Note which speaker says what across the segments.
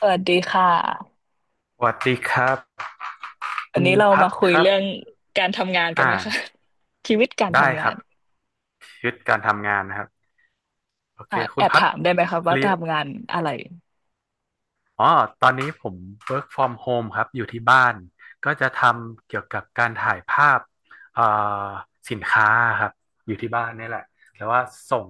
Speaker 1: สวัสดีค่ะ
Speaker 2: สวัสดีครับ
Speaker 1: วั
Speaker 2: คุ
Speaker 1: น
Speaker 2: ณ
Speaker 1: นี้เรา
Speaker 2: พั
Speaker 1: มา
Speaker 2: ด
Speaker 1: คุย
Speaker 2: ครับ
Speaker 1: เรื่องการทำงานกัน
Speaker 2: อ่า
Speaker 1: ไหมคะ ชีวิตการ
Speaker 2: ได้
Speaker 1: ทำ
Speaker 2: ค
Speaker 1: งา
Speaker 2: รั
Speaker 1: น
Speaker 2: บชีวิตการทำงานนะครับโอเค
Speaker 1: อ่ะ
Speaker 2: คุ
Speaker 1: แอ
Speaker 2: ณ
Speaker 1: บ
Speaker 2: พัด
Speaker 1: ถามได้ไหมคะว่า
Speaker 2: เรียน
Speaker 1: ทำงานอะไร
Speaker 2: อ๋อตอนนี้ผม work from home ครับอยู่ที่บ้านก็จะทำเกี่ยวกับการถ่ายภาพเอ่อสินค้าครับอยู่ที่บ้านนี่แหละแต่ว่าส่ง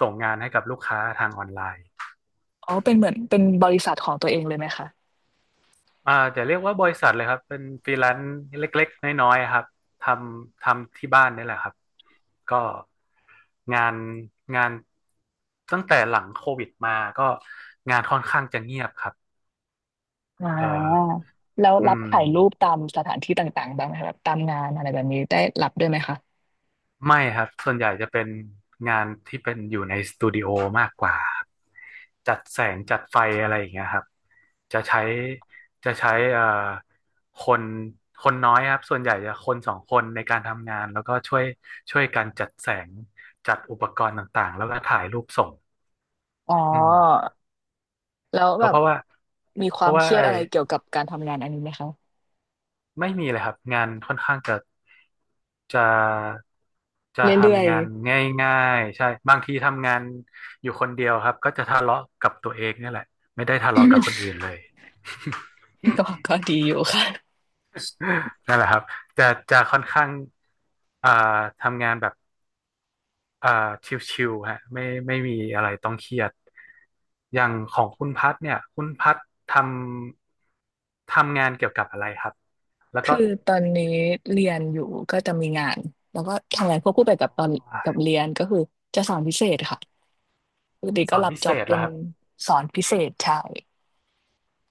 Speaker 2: ส่งงานให้กับลูกค้าทางออนไลน์
Speaker 1: อ๋อเป็นเหมือนเป็นบริษัทของตัวเองเลยไหมคะ
Speaker 2: จะเรียกว่าบริษัทเลยครับเป็นฟรีแลนซ์เล็กๆน้อยๆครับททำที่บ้านนี่แหละครับก็งานงานตั้งแต่หลังโควิดมาก็งานค่อนข้างจะเงียบครับ
Speaker 1: อ่
Speaker 2: เออ
Speaker 1: าแล้ว
Speaker 2: อื
Speaker 1: รับ
Speaker 2: ม
Speaker 1: ถ่ายรูปตามสถานที่ต่างๆบ้างไหมคะแบบตามงานอะไรแบบนี้ได้รับด้วยไหมคะ
Speaker 2: ไม่ครับส่วนใหญ่จะเป็นงานที่เป็นอยู่ในสตูดิโอมากกว่าจัดแสงจัดไฟอะไรอย่างเงี้ยครับจะใช้จะใช้คนคนน้อยครับส่วนใหญ่จะคนสองคนในการทำงานแล้วก็ช่วยกันจัดแสงจัดอุปกรณ์ต่างๆแล้วก็ถ่ายรูปส่ง
Speaker 1: อ๋อ
Speaker 2: อืม
Speaker 1: แล้ว
Speaker 2: ก็
Speaker 1: แบ
Speaker 2: เพ
Speaker 1: บ
Speaker 2: ราะว่า
Speaker 1: มีค
Speaker 2: เพ
Speaker 1: วาม
Speaker 2: ราะ
Speaker 1: เค
Speaker 2: ว่า
Speaker 1: รียด
Speaker 2: ไอ้
Speaker 1: อะไรเกี่ยวกับการทำงานอันนี้ไหมคะ
Speaker 2: ไม่มีเลยครับงานค่อนข้างจะจะ
Speaker 1: เร
Speaker 2: จะ
Speaker 1: ื่อย
Speaker 2: ทำงาน
Speaker 1: ๆ
Speaker 2: ง่ายๆใช่บางทีทำงานอยู่คนเดียวครับก็จะทะเลาะกับตัวเองเนี่ยแหละไม่ได้ทะเลาะกับคนอื่นเลย
Speaker 1: ก็ก็ดีอยู่ค่ะ
Speaker 2: นั่นแหละครับจะจะค่อนข้างอ่าทำงานแบบอ่าชิวๆฮะไม่มีอะไรต้องเครียดอย่างของคุณพัดเนี่ยคุณพัดททำงานเกี่ยวกับอะไรครับแล้วก็
Speaker 1: คือตอนนี้เรียนอยู่ก็จะมีงานแล้วก็ทำงานควบ
Speaker 2: อ
Speaker 1: คู่ไปกับตอน
Speaker 2: ๋อ
Speaker 1: กับเรียนก็คือจะสอนพิเศษค่ะปกติ
Speaker 2: ส
Speaker 1: ก็
Speaker 2: อน
Speaker 1: รับ
Speaker 2: พิเศ
Speaker 1: จ็อบ
Speaker 2: ษเห
Speaker 1: เป็
Speaker 2: รอ
Speaker 1: น
Speaker 2: ครับ
Speaker 1: สอนพิเศษใช่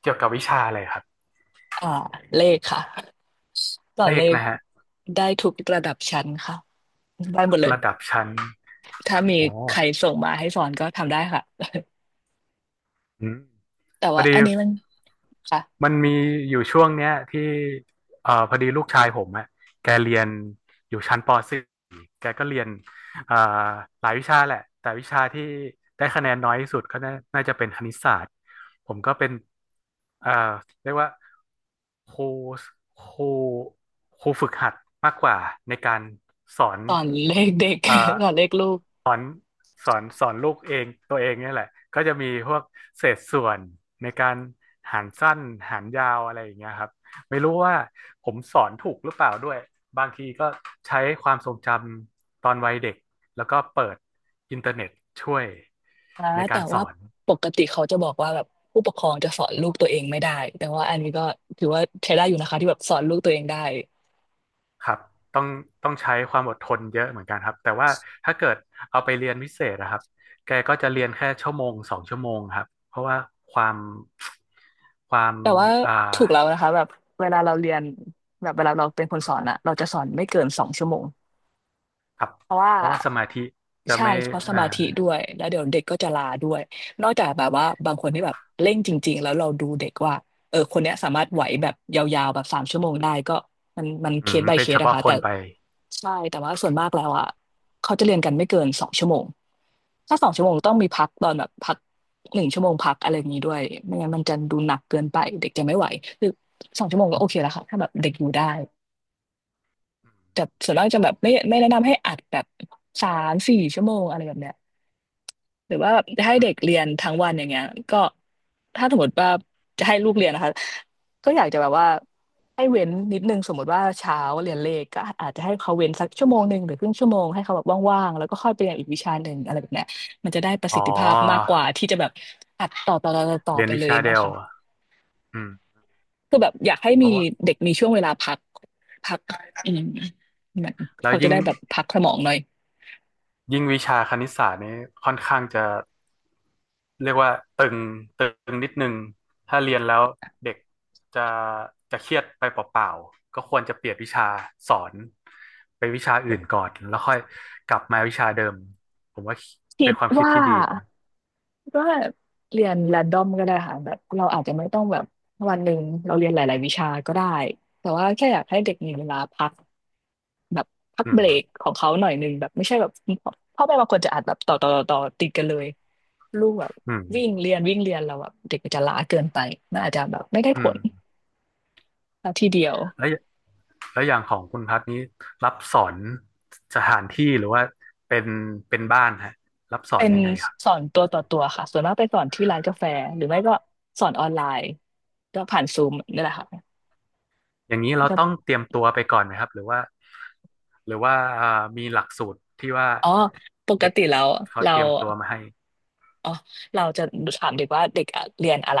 Speaker 2: เกี่ยวกับวิชาอะไรครับ
Speaker 1: อ่าเลขค่ะสอ
Speaker 2: เล
Speaker 1: นเล
Speaker 2: ข
Speaker 1: ข
Speaker 2: นะฮะ
Speaker 1: ได้ทุกระดับชั้นค่ะได้หม
Speaker 2: ทุ
Speaker 1: ด
Speaker 2: ก
Speaker 1: เลย
Speaker 2: ระดับชั้น
Speaker 1: ถ้ามี
Speaker 2: อ๋อ
Speaker 1: ใครส่งมาให้สอนก็ทำได้ค่ะ
Speaker 2: อืม
Speaker 1: แต่
Speaker 2: พอ
Speaker 1: ว่า
Speaker 2: ดี
Speaker 1: อันนี้มันค่ะ
Speaker 2: มันมีอยู่ช่วงเนี้ยที่พอดีลูกชายผมอะแกเรียนอยู่ชั้นป .4 แกก็เรียนเอ่อหลายวิชาแหละแต่วิชาที่ได้คะแนนน้อยที่สุดก็น่าจะเป็นคณิตศาสตร์ผมก็เป็นเอ่อเรียกว่าครูครูครูฝึกหัดมากกว่าในการสอน
Speaker 1: สอนเลขเด็ก
Speaker 2: เอ่อ
Speaker 1: สอนเลขลูก
Speaker 2: สอนลูกเองตัวเองเนี่ยแหละก็จะมีพวกเศษส่วนในการหารสั้นหารยาวอะไรอย่างเงี้ยครับไม่รู้ว่าผมสอนถูกหรือเปล่าด้วยบางทีก็ใช้ความทรงจำตอนวัยเด็กแล้วก็เปิดอินเทอร์เน็ตช่วย
Speaker 1: นะ
Speaker 2: ใน
Speaker 1: แต่
Speaker 2: การส
Speaker 1: ว่า
Speaker 2: อน
Speaker 1: ปกติเขาจะบอกว่าแบบผู้ปกครองจะสอนลูกตัวเองไม่ได้แต่ว่าอันนี้ก็ถือว่าใช้ได้อยู่นะคะที่แบบสอนลูกตัวเองได้
Speaker 2: ครับต้องต้องใช้ความอดทนเยอะเหมือนกันครับแต่ว่าถ้าเกิดเอาไปเรียนพิเศษนะครับแกก็จะเรียนแค่ชั่วโมงสองชั่วโมงครับเพราะว่าความความ
Speaker 1: แต่ว่า
Speaker 2: อ่า
Speaker 1: ถูกแล้วนะคะแบบเวลาเราเรียนแบบเวลาเราเป็นคนสอนอะเราจะสอนไม่เกินสองชั่วโมง
Speaker 2: ครับ
Speaker 1: เพราะว่า
Speaker 2: เพราะว่าสมาธิจะ
Speaker 1: ใช่
Speaker 2: ไม่
Speaker 1: เพราะส
Speaker 2: อ่า
Speaker 1: มาธิด้วยแล้วเดี๋ยวเด็กก็จะลาด้วยนอกจากแบบว่าบางคนที่แบบเร่งจริงๆแล้วเราดูเด็กว่าเออคนเนี้ยสามารถไหวแบบยาวๆแบบสามชั่วโมงได้ก็มัน
Speaker 2: อื
Speaker 1: เค
Speaker 2: ม
Speaker 1: ส by
Speaker 2: เป็
Speaker 1: เค
Speaker 2: นเฉ
Speaker 1: สนะ
Speaker 2: พาะ
Speaker 1: คะ
Speaker 2: ค
Speaker 1: แต่
Speaker 2: นไป
Speaker 1: ใช่แต่ว่าส่วนมากแล้วอ่ะเขาจะเรียนกันไม่เกินสองชั่วโมงถ้าสองชั่
Speaker 2: อื
Speaker 1: วโม
Speaker 2: ม
Speaker 1: งต้องมีพักตอนแบบพักหนึ่งชั่วโมงพักอะไรอย่างนี้ด้วยไม่งั้นมันจะดูหนักเกินไปเด็กจะไม่ไหวคือสองชั่วโมงก็โอเคแล้วค่ะถ้าแบบเด็กอยู่ได้
Speaker 2: อืม
Speaker 1: แต่ส่วนมากจะแบบไม่แนะนำให้อัดแบบสามสี่ชั่วโมงอะไรแบบเนี้ย หรือว่าแบบให้
Speaker 2: อื
Speaker 1: เด็
Speaker 2: ม
Speaker 1: กเรียนทั้งวันอย่างเงี้ยก็ถ้าสมมติว่าจะให้ลูกเรียนนะคะก็อยากจะแบบว่าให้เว้นนิดนึงสมมติว่าเช้าเรียนเลขก็อาจจะให้เขาเว้นสักชั่วโมงหนึ่งหรือครึ่งชั่วโมงให้เขาแบบว่างๆแล้วก็ค่อยไปเรียนอีกวิชาหนึ่งอะไรแบบเนี้ยมันจะได้ประ
Speaker 2: อ๋
Speaker 1: สิท
Speaker 2: อ
Speaker 1: ธิภาพมากกว่าที่จะแบบอัดต่อ
Speaker 2: เรียน
Speaker 1: ไป
Speaker 2: วิ
Speaker 1: เลยอ
Speaker 2: ชา
Speaker 1: ย่างเงี้
Speaker 2: เดี
Speaker 1: ย
Speaker 2: ยว
Speaker 1: ค่ะ
Speaker 2: อืม
Speaker 1: คือแบบอยากให้
Speaker 2: เพ
Speaker 1: มี
Speaker 2: ราะว่า
Speaker 1: เด็กมีช่วงเวลาพักอืมเหมอน
Speaker 2: แล้ว
Speaker 1: เขาจะ
Speaker 2: ยิ่ง
Speaker 1: ได้แบบพักสมองหน่อย
Speaker 2: ยิ่งวิชาคณิตศาสตร์นี้ค่อนข้างจะเรียกว่าตึงตึงนิดนึงถ้าเรียนแล้วเด็กจะเครียดไปเปล่าๆก็ควรจะเปลี่ยนวิชาสอนไปวิชาอื่นก่อนแล้วค่อยกลับมาวิชาเดิมผมว่า
Speaker 1: คิ
Speaker 2: เป็น
Speaker 1: ด
Speaker 2: ความคิด
Speaker 1: ว่า
Speaker 2: ที่ดีนะ
Speaker 1: ก็เรียน r รนดอมก็ได้ค่ะแบบเราอาจจะไม่ต้องแบบวันหนึ่งเราเรียนหลายๆวิชาก็ได้ แต่ว่าแค่อยากให้เด็กมีเวลาพักแบบพัก
Speaker 2: อื
Speaker 1: เบรก
Speaker 2: ม
Speaker 1: ของเขาหน่อยหนึ่งแบบไม่ใช่แบบพ่อแม่บางคนจะอัดแบบต่อติดกันเลยลูกแบบ
Speaker 2: อืม
Speaker 1: วิ่งเรียนวิ่งเรียนเราแแบบเด็กมันจะล้าเกินไปมันอาจจะแบบไม่ได้
Speaker 2: อื
Speaker 1: ผ
Speaker 2: ม
Speaker 1: ลทีเดียว
Speaker 2: แล้วแล้วอย่างของคุณพัดนี้รับสอนสถานที่หรือว่าเป็นเป็นบ้านฮะรับสอ
Speaker 1: เป็
Speaker 2: น
Speaker 1: น
Speaker 2: ยังไงครับ
Speaker 1: สอนตัวต่อตัวค่ะส่วนมากไปสอนที่ร้านกาแฟหรือไม่ก็สอนออนไลน์ก็ผ่านซูมนี่แหละค่ะ
Speaker 2: อย่างนี้เรา
Speaker 1: ก็
Speaker 2: ต้องเตรียมตัวไปก่อนไหมครับหรือว่าหรือว่ามีหลักสูตรที่ว่า
Speaker 1: อ๋อปก
Speaker 2: เด็ก
Speaker 1: ติแล้ว
Speaker 2: เขา
Speaker 1: เรา
Speaker 2: เตรียมตัวมาให้
Speaker 1: อ๋อเราจะถามเด็กว่าเด็กอะเรียนอะไร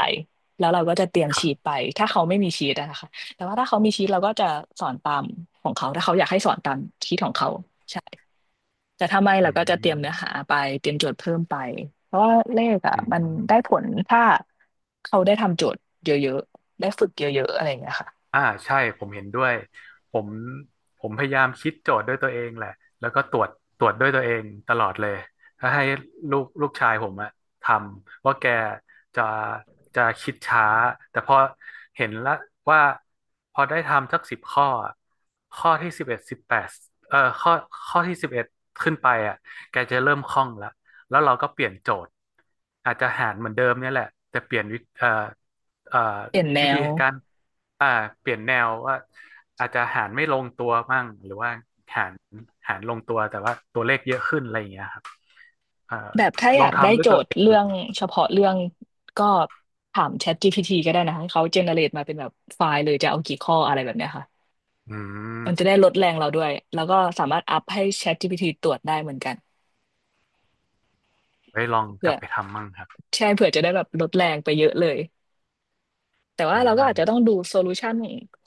Speaker 1: แล้วเราก็จะเตรียม
Speaker 2: ครั
Speaker 1: ชีต
Speaker 2: บ
Speaker 1: ไปถ้าเขาไม่มีชีตอะนะคะแต่ว่าถ้าเขามีชีตเราก็จะสอนตามของเขาถ้าเขาอยากให้สอนตามชีตของเขาใช่แต่ถ้าไม่เรา
Speaker 2: อื
Speaker 1: ก็จะเตรีย
Speaker 2: ม
Speaker 1: มเนื้อหาไปเตรียมโจทย์เพิ่มไปเพราะว่าเลขอะ
Speaker 2: อื
Speaker 1: มัน
Speaker 2: ม
Speaker 1: ได้ผลถ้าเขาได้ทำโจทย์เยอะๆได้ฝึกเยอะๆอะไรอย่างเงี้ยค่ะ
Speaker 2: อ่าใช่ผมเห็นด้วยผมผมพยายามคิดโจทย์ด้วยตัวเองแหละแล้วก็ตรวจด้วยตัวเองตลอดเลยถ้าให้ลูกชายผมอะทำว่าแกจะจะคิดช้าแต่พอเห็นละว่าพอได้ทำสักสิบข้ออะข้อที่สิบเอ็ดสิบแปดเอ่อข้อข้อที่สิบเอ็ดขึ้นไปอะแกจะเริ่มคล่องละแล้วเราก็เปลี่ยนโจทย์อาจจะหารเหมือนเดิมเนี่ยแหละแต่เปลี่ยนวิเอ่อเอ่อ
Speaker 1: เปลี่ยนแน
Speaker 2: วิธี
Speaker 1: ว
Speaker 2: การอ่าเปลี่ยนแนวว่าอาจจะหารไม่ลงตัวมั่งหรือว่าหารหารลงตัวแต่ว่าตัวเลขเยอะขึ้นอะไรอย่างเงี้ยครับเอ่อ
Speaker 1: แบบถ้าอ
Speaker 2: ลอ
Speaker 1: ยา
Speaker 2: ง
Speaker 1: กได้
Speaker 2: ทำด้ว
Speaker 1: โจ
Speaker 2: ยตัว
Speaker 1: ทย์
Speaker 2: เอง
Speaker 1: เรื่
Speaker 2: ดู
Speaker 1: องเฉพาะเรื่องก็ถาม ChatGPT ก็ได้นะให้เขาเจเนเรตมาเป็นแบบไฟล์เลยจะเอากี่ข้ออะไรแบบเนี้ยค่ะ
Speaker 2: อืม
Speaker 1: มันจะได้ลดแรงเราด้วยแล้วก็สามารถอัพให้ ChatGPT ตรวจได้เหมือนกัน
Speaker 2: ไว้ลองก
Speaker 1: เพื่
Speaker 2: ลั
Speaker 1: อ
Speaker 2: บไปทำมั่งครับ
Speaker 1: ใช่เผื่อจะได้แบบลดแรงไปเยอะเลยแต่ว่า
Speaker 2: อื
Speaker 1: เราก็
Speaker 2: ม
Speaker 1: อาจจะต้องดูโซลูชัน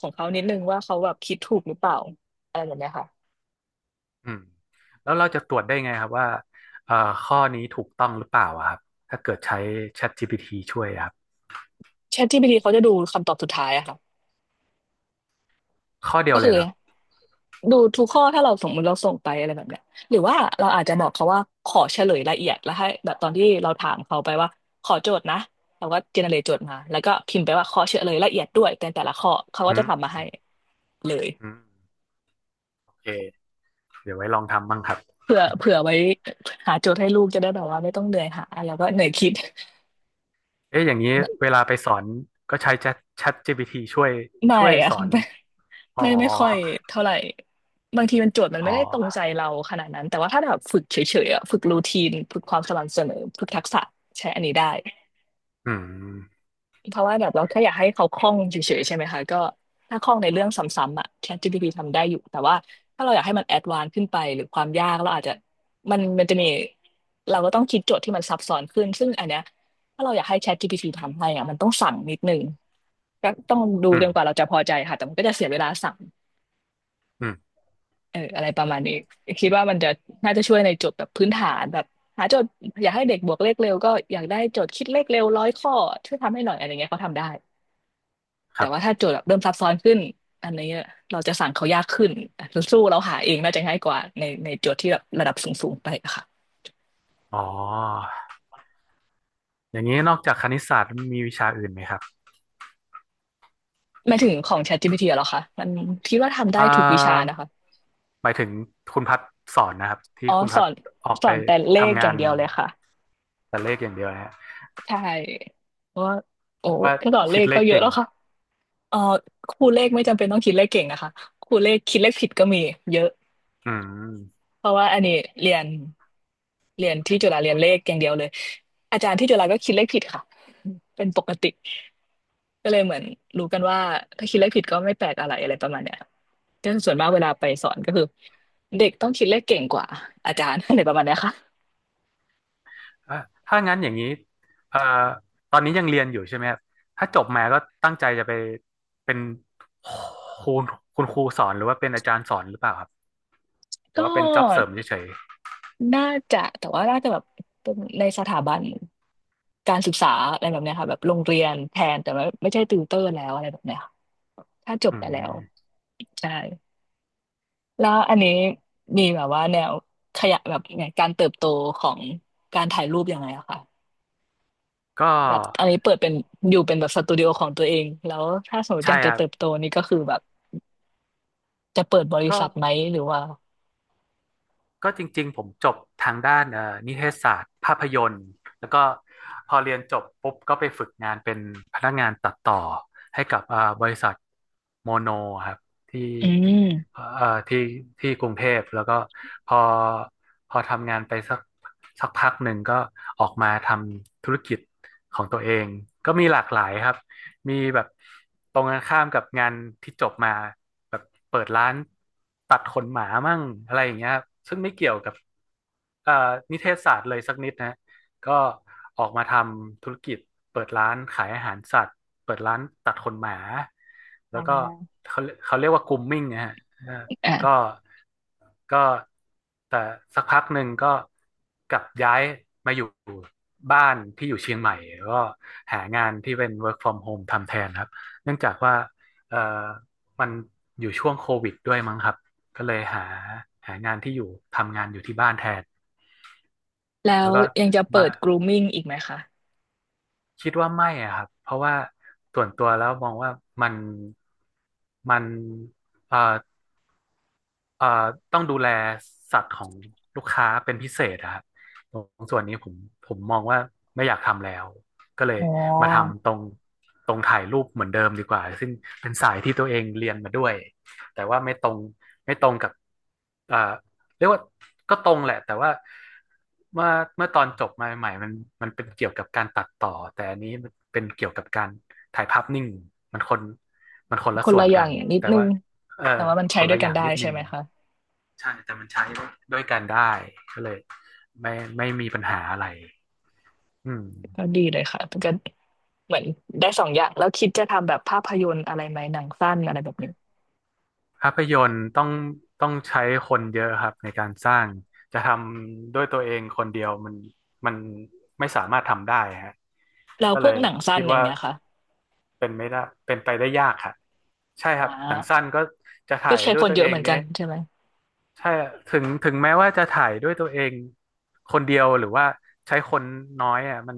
Speaker 1: ของเขานิดนึงว่าเขาแบบคิดถูกหรือเปล่าอะไรแบบเนี้ยค่ะ
Speaker 2: อืมแล้วเราจะตรวจได้ไงครับว่าเอ่อข้อนี้ถูกต้องหรือเปล่าอะครับถ้าเกิดใช้ ChatGPT ช่วยอะครับ
Speaker 1: ChatGPT เขาจะดูคำตอบสุดท้ายอะค่ะ
Speaker 2: ข้อเดีย
Speaker 1: ก็
Speaker 2: วเล
Speaker 1: คื
Speaker 2: ย
Speaker 1: อ
Speaker 2: เหรอครับ
Speaker 1: ดูทุกข้อถ้าเราสมมติเราส่งไปอะไรแบบเนี้ยหรือว่าเราอาจจะบอกเขาว่าขอเฉลยละเอียดแล้วให้แบบตอนที่เราถามเขาไปว่าขอโจทย์นะเราก็เจเนเรตโจทย์มาแล้วก็พิมพ์ไปว่าขอเฉลยละเอียดด้วยแต่แต่ละข้อเขาก็
Speaker 2: อื
Speaker 1: จะ
Speaker 2: ม
Speaker 1: ทำมาให้เลย
Speaker 2: อืมโอเคเดี๋ยวไว้ลองทำมั่งครับ
Speaker 1: เผื่อไว้หาโจทย์ให้ลูกจะได้แบบว่าไม่ต้องเหนื่อยหาแล้วก็เหนื่อยคิด
Speaker 2: เอ๊ะอย่างนี้ เวลาไปสอนก็ใช้ Chat GPT ช่วย
Speaker 1: ไม่
Speaker 2: ช่วย
Speaker 1: อะ
Speaker 2: ส อ
Speaker 1: ค่ะ
Speaker 2: น
Speaker 1: ไม่
Speaker 2: อ๋อ
Speaker 1: ไม่ไม่ค่อยเท่าไหร่บางทีมันโจทย์มัน
Speaker 2: อ๋
Speaker 1: ไม่ได้ตรง
Speaker 2: อ
Speaker 1: ใจเราขนาดนั้นแต่ว่าถ้าแบบฝึกเฉยๆอะฝึกรูทีนฝึกความสม่ำเสมอฝึกทักษะใช้อันนี้ได้
Speaker 2: อืม
Speaker 1: เพราะว่าแบบเราแค่อยากให้เขาคล่องเฉยๆใช่ไหมคะก็ถ้าคล่องในเรื่องซ้ำๆอ่ะ ChatGPT ทำได้อยู่แต่ว่าถ้าเราอยากให้มันแอดวานซ์ขึ้นไปหรือความยากเราอาจจะมันจะมีเราก็ต้องคิดโจทย์ที่มันซับซ้อนขึ้นซึ่งอันเนี้ยถ้าเราอยากให้ ChatGPT ทำให้อ่ะมันต้องสั่งนิดนึงก็ต้องดู
Speaker 2: อื
Speaker 1: จ
Speaker 2: ม
Speaker 1: นกว่าเราจะพอใจค่ะแต่มันก็จะเสียเวลาสั่ง
Speaker 2: อืม
Speaker 1: เอออะไรประมาณนี้คิดว่ามันจะน่าจะช่วยในโจทย์แบบพื้นฐานแบบหาโจทย์อยากให้เด็กบวกเลขเร็วก็อยากได้โจทย์คิดเลขเร็วร้อยข้อช่วยทำให้หน่อยอะไรเงี้ยเขาทำได้
Speaker 2: ค
Speaker 1: แต่
Speaker 2: รั
Speaker 1: ว่า
Speaker 2: บ
Speaker 1: ถ้าโจทย์แบบเริ่มซับซ้อนขึ้นอันนี้เราจะสั่งเขายากขึ้นสู้เราหาเองน่าจะง่ายกว่าในโจทย์ที่แบบระดับสูงๆไปอะค่ะ
Speaker 2: อ๋อ อย่างนี้นอกจากคณิตศาสตร์มีวิชาอื่นไหมครับ
Speaker 1: หมายถึงของ ChatGPT อะเหรอคะมันคิดว่าทำได้
Speaker 2: อ่
Speaker 1: ทุกวิชา
Speaker 2: า
Speaker 1: นะคะ
Speaker 2: หมายถึงคุณพัดสอนนะครับที่
Speaker 1: อ๋อ
Speaker 2: คุณ
Speaker 1: ส
Speaker 2: พั
Speaker 1: อ
Speaker 2: ด
Speaker 1: น
Speaker 2: ออก
Speaker 1: ส
Speaker 2: ไป
Speaker 1: อนแต่เลข
Speaker 2: ทำ
Speaker 1: อ
Speaker 2: งา
Speaker 1: ย่าง
Speaker 2: น
Speaker 1: เดียวเลยค่ะ
Speaker 2: แต่เลขอย่างเดียวนะฮะ
Speaker 1: ใช่เพราะว่าโอ้
Speaker 2: แปลว่า
Speaker 1: แค่สอนเล
Speaker 2: คิด
Speaker 1: ข
Speaker 2: เล
Speaker 1: ก็
Speaker 2: ข
Speaker 1: เยอะ
Speaker 2: เก่ง
Speaker 1: แล้วค่ะเออครูเลขไม่จำเป็นต้องคิดเลขเก่งนะคะครูเลขคิดเลขผิดก็มีเยอะ
Speaker 2: อืม
Speaker 1: เพราะว่าอันนี้เรียนเรียนที่จุฬาเรียนเลขอย่างเดียวเลยอาจารย์ที่จุฬาก็คิดเลขผิดค่ะเป็นปกติ ก็เลยเหมือนรู้กันว่าถ้าคิดเลขผิดก็ไม่แปลกอะไรอะไรประมาณเนี้ยก็ส่วนมากเวลาไปสอนก็คือเด็กต้องคิดเลขเก่งกว่าอาจารย์ อะไรประมาณเนี้ยค่ะ
Speaker 2: อ่ะถ้างั้นอย่างนี้เอ่อตอนนี้ยังเรียนอยู่ใช่ไหมครับถ้าจบมาก็ตั้งใจจะไปเป็นครูคุณครูสอนหรือว่าเป็นอาจารย์สอนหรือเปล่าครับ หรื
Speaker 1: ก็
Speaker 2: อว่าเป็นจ็อบเสริมเฉย
Speaker 1: น่าจะแต่ว่าน่าจะแบบเป็นในสถาบันการศึกษาอะไรแบบเนี้ยค่ะแบบโรงเรียนแทนแต่ว่าไม่ใช่ติวเตอร์แล้วอะไรแบบเนี้ยค่ะถ้าจ
Speaker 2: ๆ
Speaker 1: บ
Speaker 2: อื
Speaker 1: ไปแล้ว
Speaker 2: ม
Speaker 1: ใช่แล้วอันนี้มีแบบว่าแนวขยะแบบไงการเติบโตของการถ่ายรูปยังไงอะคะ
Speaker 2: ก็
Speaker 1: แบบอันนี้เปิดเป็นอยู่เป็นแบบสตูดิโอของตัวเองแล้วถ้าสมมติอ
Speaker 2: ใช่
Speaker 1: ยาก
Speaker 2: ค
Speaker 1: จะ
Speaker 2: รับ
Speaker 1: เติบโตนี่ก็คือแบบจะเปิดบริ
Speaker 2: ก็
Speaker 1: ษัทไหมหรือว่า
Speaker 2: ก็จริงๆผมจบทางด้านนิเทศศาสตร์ภาพยนตร์แล้วก็พอเรียนจบปุ๊บก็ไปฝึกงานเป็นพนักงานตัดต่อให้กับบริษัทโมโนครับที่
Speaker 1: อืม
Speaker 2: เอ่อที่กรุงเทพแล้วก็พอพอทำงานไปสักพักหนึ่งก็ออกมาทำธุรกิจของตัวเองก็มีหลากหลายครับ มีแบบตรงกันข้ามกับงานที่จบมาแบบเปิดร้านตัดขนหมามั่งอะไรอย่างเงี้ยครับซึ่งไม่เกี่ยวกับเอ่อนิเทศศาสตร์เลยสักนิดนะก็ออกมาทำธุรกิจเปิดร้านขายอาหารสัตว์เปิดร้านตัดขนหมาแล้
Speaker 1: อ่
Speaker 2: วก็
Speaker 1: า
Speaker 2: เขาเรียกว่า grooming นะฮะ ก็
Speaker 1: อ่ะ
Speaker 2: ก็แต่สักพักหนึ่งก็กลับย้ายมาอยู่บ้านที่อยู่เชียงใหม่ก็หางานที่เป็น work from home ทำแทนครับเนื่องจากว่าเอ่อมันอยู่ช่วงโควิดด้วยมั้งครับ ก็เลยหางานที่อยู่ทำงานอยู่ที่บ้านแทน
Speaker 1: แล้
Speaker 2: แล้
Speaker 1: ว
Speaker 2: วก็
Speaker 1: ยังจะ
Speaker 2: มา
Speaker 1: เปิด grooming อีกไหมคะ
Speaker 2: คิดว่าไม่อะครับ เพราะว่าส่วนตัวแล้วมองว่ามันมันเอ่อ เอ่อต้องดูแลสัตว์ของลูกค้าเป็นพิเศษอะครับตรงส่วนนี้ผมมองว่าไม่อยากทำแล้วก็เลย
Speaker 1: อ๋อ
Speaker 2: มาทำตรงถ่ายรูปเหมือนเดิมดีกว่าซึ่งเป็นสายที่ตัวเองเรียนมาด้วยแต่ว่าไม่ตรงกับเอ่อเรียกว่าก็ตรงแหละแต่ว่าเมื่อเมื่อตอนจบมาใหม่ๆมันเป็นเกี่ยวกับการตัดต่อแต่อันนี้มันเป็นเกี่ยวกับการถ่ายภาพนิ่งมันคนมันคนละ
Speaker 1: คน
Speaker 2: ส่ว
Speaker 1: ละ
Speaker 2: น
Speaker 1: อย่า
Speaker 2: กั
Speaker 1: ง
Speaker 2: น
Speaker 1: อย่างนิด
Speaker 2: แต่
Speaker 1: นึง
Speaker 2: ว่าเออ
Speaker 1: แต่ว่ามัน
Speaker 2: ค
Speaker 1: ใช้
Speaker 2: น
Speaker 1: ด้ว
Speaker 2: ละ
Speaker 1: ย
Speaker 2: อ
Speaker 1: กัน
Speaker 2: ย่าง
Speaker 1: ได้
Speaker 2: นิด
Speaker 1: ใช่
Speaker 2: นึง
Speaker 1: ไหมคะ
Speaker 2: ใช่แต่มันใช้ด้วยกันได้ก็เลยไม่ไม่มีปัญหาอะไรอืม
Speaker 1: ก็ดีเลยค่ะมันก็เหมือนได้สองอย่างแล้วคิดจะทำแบบภาพยนตร์อะไรไหมหนังสั้นอะไรแบบนี้
Speaker 2: ภาพยนตร์ต้องใช้คนเยอะครับในการสร้างจะทำด้วยตัวเองคนเดียวมันไม่สามารถทำได้ฮะ
Speaker 1: แล้ว
Speaker 2: ก็
Speaker 1: พ
Speaker 2: เล
Speaker 1: วก
Speaker 2: ย
Speaker 1: หนังสั้น
Speaker 2: คิด
Speaker 1: อย่าง
Speaker 2: ว่า
Speaker 1: เงี้ยค่ะ
Speaker 2: เป็นไม่ได้เป็นไปได้ยากครับใช่ค
Speaker 1: อ่า
Speaker 2: รับหนังสั้นก็จะ
Speaker 1: ก็
Speaker 2: ถ่าย
Speaker 1: ใช้
Speaker 2: ด้ว
Speaker 1: ค
Speaker 2: ย
Speaker 1: น
Speaker 2: ตัว
Speaker 1: เย
Speaker 2: เอ
Speaker 1: อะเห
Speaker 2: ง
Speaker 1: มือน
Speaker 2: เนี่
Speaker 1: กัน
Speaker 2: ย
Speaker 1: ใช่ไหม
Speaker 2: ใช่ถึงแม้ว่าจะถ่ายด้วยตัวเองคนเดียวหรือว่าใช้คนน้อยอ่ะมัน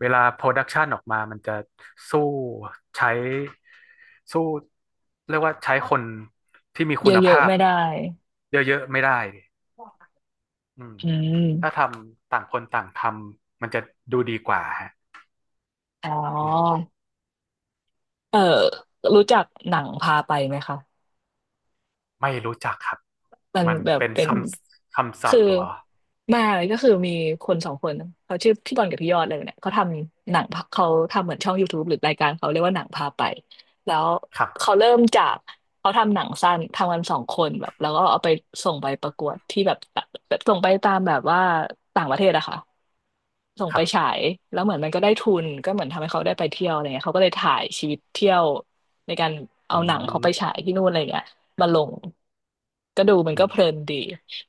Speaker 2: เวลาโปรดักชันออกมามันจะสู้ใช้สู้เรียกว่าใช้คนที่มี
Speaker 1: เย
Speaker 2: คุณ
Speaker 1: อะ
Speaker 2: ภา
Speaker 1: ๆ
Speaker 2: พ
Speaker 1: ไม่ได้
Speaker 2: เยอะๆไม่ได้ดิอืม
Speaker 1: อื
Speaker 2: ถ้าท
Speaker 1: ม
Speaker 2: ำต่างคนต่างทำมันจะดูดีกว่าฮะ
Speaker 1: อ๋อ
Speaker 2: อืม
Speaker 1: เออรู้จักหนังพาไปไหมคะ
Speaker 2: ไม่รู้จักครับ
Speaker 1: มัน
Speaker 2: มัน
Speaker 1: แบบ
Speaker 2: เป็น
Speaker 1: เป็
Speaker 2: ค
Speaker 1: น
Speaker 2: ำคำศัพ
Speaker 1: คือ
Speaker 2: ท์เหรอ
Speaker 1: มาก็คือมีคนสองคนเขาชื่อพี่บอลกับพี่ยอดเลยเนี่ยเขาทำหนังพะเขาทำเหมือนช่อง YouTube หรือรายการเขาเรียกว่าหนังพาไปแล้ว
Speaker 2: ครั
Speaker 1: เขา
Speaker 2: บ
Speaker 1: เริ่มจากเขาทำหนังสั้นทำกันสองคนแบบแล้วก็เอาไปส่งไปประกวดที่แบบส่งไปตามแบบว่าต่างประเทศอะค่ะส่ง
Speaker 2: ค
Speaker 1: ไป
Speaker 2: รั
Speaker 1: ฉา
Speaker 2: บ
Speaker 1: ยแล้วเหมือนมันก็ได้ทุนก็เหมือนทำให้เขาได้ไปเที่ยวอะไรเงี้ยเขาก็เลยถ่ายชีวิตเที่ยวในการเอา
Speaker 2: อื
Speaker 1: หนังเขา
Speaker 2: ม
Speaker 1: ไปฉายที่นู่นอะไรเงี้ย มาลงก็ดูมัน
Speaker 2: อื
Speaker 1: ก็
Speaker 2: ม
Speaker 1: เพลินดี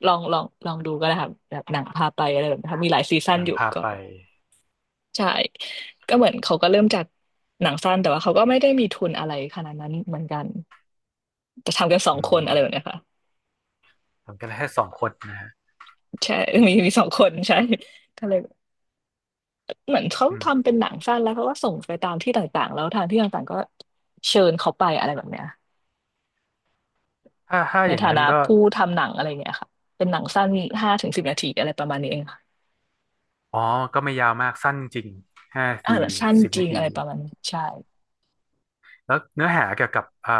Speaker 1: ลองดูก็ได้ครับแบบหนังพาไปอะไรแบบนี้ครับมีหลายซีซั่นอยู่
Speaker 2: นำพาพ
Speaker 1: ก็
Speaker 2: ไป
Speaker 1: ใช่ก็เหมือนเขาก็เริ่มจากหนังสั้นแต่ว่าเขาก็ไม่ได้มีทุนอะไรขนาดนั้นเหมือนกันแต่ทำกันสอง
Speaker 2: อื
Speaker 1: คนอะไรแบบ
Speaker 2: ม
Speaker 1: เนี้ยค่ะ
Speaker 2: ทำกันแค่สองคนนะฮะ
Speaker 1: ใช่มีสองคนใช่ก็เลยเหมือนเขา
Speaker 2: อืม
Speaker 1: ทำเป็นหนังสั้นแล้วเขาก็ส่งไปตามที่ต่างๆแล้วทางที่ต่างๆก็เชิญเขาไปอะไรแบบเนี้ย
Speaker 2: ถ้าถ้า
Speaker 1: ใน
Speaker 2: อย่าง
Speaker 1: ฐา
Speaker 2: นั้น
Speaker 1: นะ
Speaker 2: ก็
Speaker 1: ผู้ทำหนังอะไรเงี้ยค่ะเป็นหนังสั้นห้าถึงสิบนาทีอะไรประมาณนี้เอง
Speaker 2: อ๋อ ก็ไม่ยาวมากสั้นจริงห้านา
Speaker 1: อ่า
Speaker 2: ที
Speaker 1: สั้น
Speaker 2: สิบ
Speaker 1: จริ
Speaker 2: นา
Speaker 1: ง
Speaker 2: ที
Speaker 1: อะไรประมาณนี้ใช่
Speaker 2: แล้วเนื้อหาเกี่ยวกับอ่า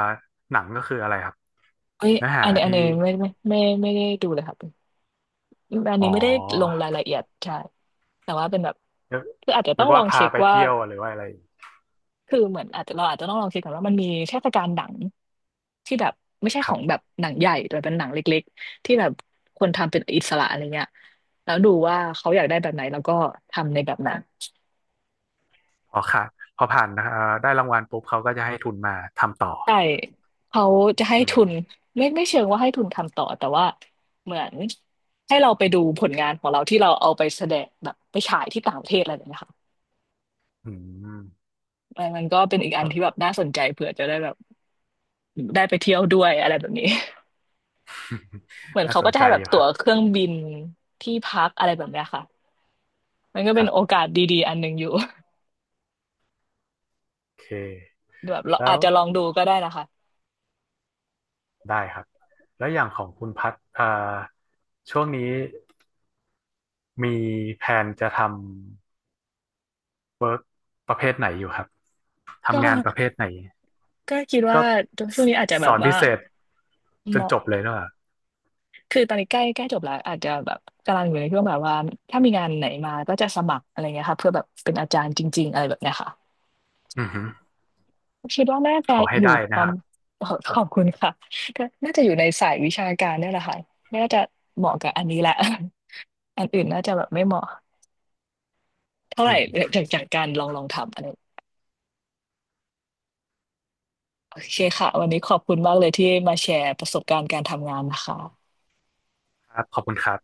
Speaker 2: หนังก็คืออะไรครับ
Speaker 1: เอ้ย
Speaker 2: เนื้อหา
Speaker 1: อันนี้อัน
Speaker 2: ที่
Speaker 1: นี้ไม่ได้ดูเลยครับอัน
Speaker 2: อ๋
Speaker 1: นี้
Speaker 2: อ
Speaker 1: ไม่ได้ลงรายละเอียดใช่แต่ว่าเป็นแบบ
Speaker 2: นึก
Speaker 1: คืออาจจะ
Speaker 2: นึ
Speaker 1: ต้อง
Speaker 2: ก
Speaker 1: ลอ
Speaker 2: ว่า
Speaker 1: ง
Speaker 2: พา
Speaker 1: เช็ค
Speaker 2: ไป
Speaker 1: ว่า
Speaker 2: เที่ยวหรือว่าอะไร
Speaker 1: คือเหมือนอาจจะเราอาจจะต้องลองเช็คก่อนว่ามันมีเทศกาลหนังที่แบบไม่ใช่
Speaker 2: ค
Speaker 1: ขอ
Speaker 2: รับ
Speaker 1: งแบบหนังใหญ่แต่เป็นหนังเล็กๆที่แบบคนทำเป็นอิสระอะไรเงี้ยแล้วดูว่าเขาอยากได้แบบไหนแล้วก็ทำในแบบนั้น
Speaker 2: พอค่ะพอผ่านนะเอ่อได้รางวัลปุ๊บเขาก็จะให้ทุนมาทำต่อ
Speaker 1: ใช่เขาจะให้
Speaker 2: อืม
Speaker 1: ทุนไม่เชิงว่าให้ทุนทำต่อแต่ว่าเหมือนให้เราไปดูผลงานของเราที่เราเอาไปแสดงแบบไปฉายที่ต่างประเทศอะไรแบบเนี้ยค่ะ
Speaker 2: อืม
Speaker 1: มันก็เป็นอีกอัน
Speaker 2: ก็
Speaker 1: ที่แบบน่าสนใจเผื่อจะได้แบบได้ไปเที่ยวด้วยอะไรแบบนี้ เหมือน
Speaker 2: น่า
Speaker 1: เขา
Speaker 2: ส
Speaker 1: ก็
Speaker 2: น
Speaker 1: จะ
Speaker 2: ใจ
Speaker 1: ให้แบ
Speaker 2: อ
Speaker 1: บ
Speaker 2: ยู่ค
Speaker 1: ตั๋
Speaker 2: รั
Speaker 1: วเค
Speaker 2: บ
Speaker 1: รื่องบินที่พักอะไรแบบเนี้ยค่ะมันก็
Speaker 2: ค
Speaker 1: เป็น
Speaker 2: รั
Speaker 1: โอ
Speaker 2: บ
Speaker 1: กาสดีๆอันหนึ่งอยู่
Speaker 2: โอเค
Speaker 1: แบบเรา
Speaker 2: แล้
Speaker 1: อาจ
Speaker 2: ว
Speaker 1: จะลองดูก็ได้นะคะ
Speaker 2: ได้ครับ แล้วอย่างของคุณพัดช่วงนี้ มีแผนจะทำประเภทไหนอยู่ครับ
Speaker 1: ก็
Speaker 2: ทำงานประเภทไหน
Speaker 1: ก็คิดว่า
Speaker 2: ก็
Speaker 1: ช่
Speaker 2: ส
Speaker 1: วงนี้อาจจะแบ
Speaker 2: ส
Speaker 1: บ
Speaker 2: อน
Speaker 1: ว่า
Speaker 2: พิเศษจนจบเลยเนอะ
Speaker 1: คือตอนนี้ใกล้ใกล้จบแล้วอาจจะแบบกำลังอยู่ในช่วงแบบว่าถ้ามีงานไหนมาก็จะสมัครอะไรเงี้ยค่ะเพื่อแบบเป็นอาจารย์จริงๆอะไรแบบเนี้ยค่ะ
Speaker 2: อือหือ
Speaker 1: คิดว่าน่าจะ
Speaker 2: ขอให้
Speaker 1: อยู่
Speaker 2: ได้
Speaker 1: ป
Speaker 2: นะ
Speaker 1: ระ
Speaker 2: ค
Speaker 1: ม
Speaker 2: รับ
Speaker 1: ขอบคุณค่ะก็น่าจะอยู่ในสายวิชาการเนี่ยแหละค่ะน่าจะเหมาะกับอันนี้แหละ อันอื่นน่าจะแบบไม่เหมาะเท่าไห
Speaker 2: อื
Speaker 1: ร่
Speaker 2: ม
Speaker 1: จากการลองทำอะไรโอเคค่ะวันนี้ขอบคุณมากเลยที่มาแชร์ประสบการณ์การทำงานนะคะ
Speaker 2: ครับขอบคุณครับ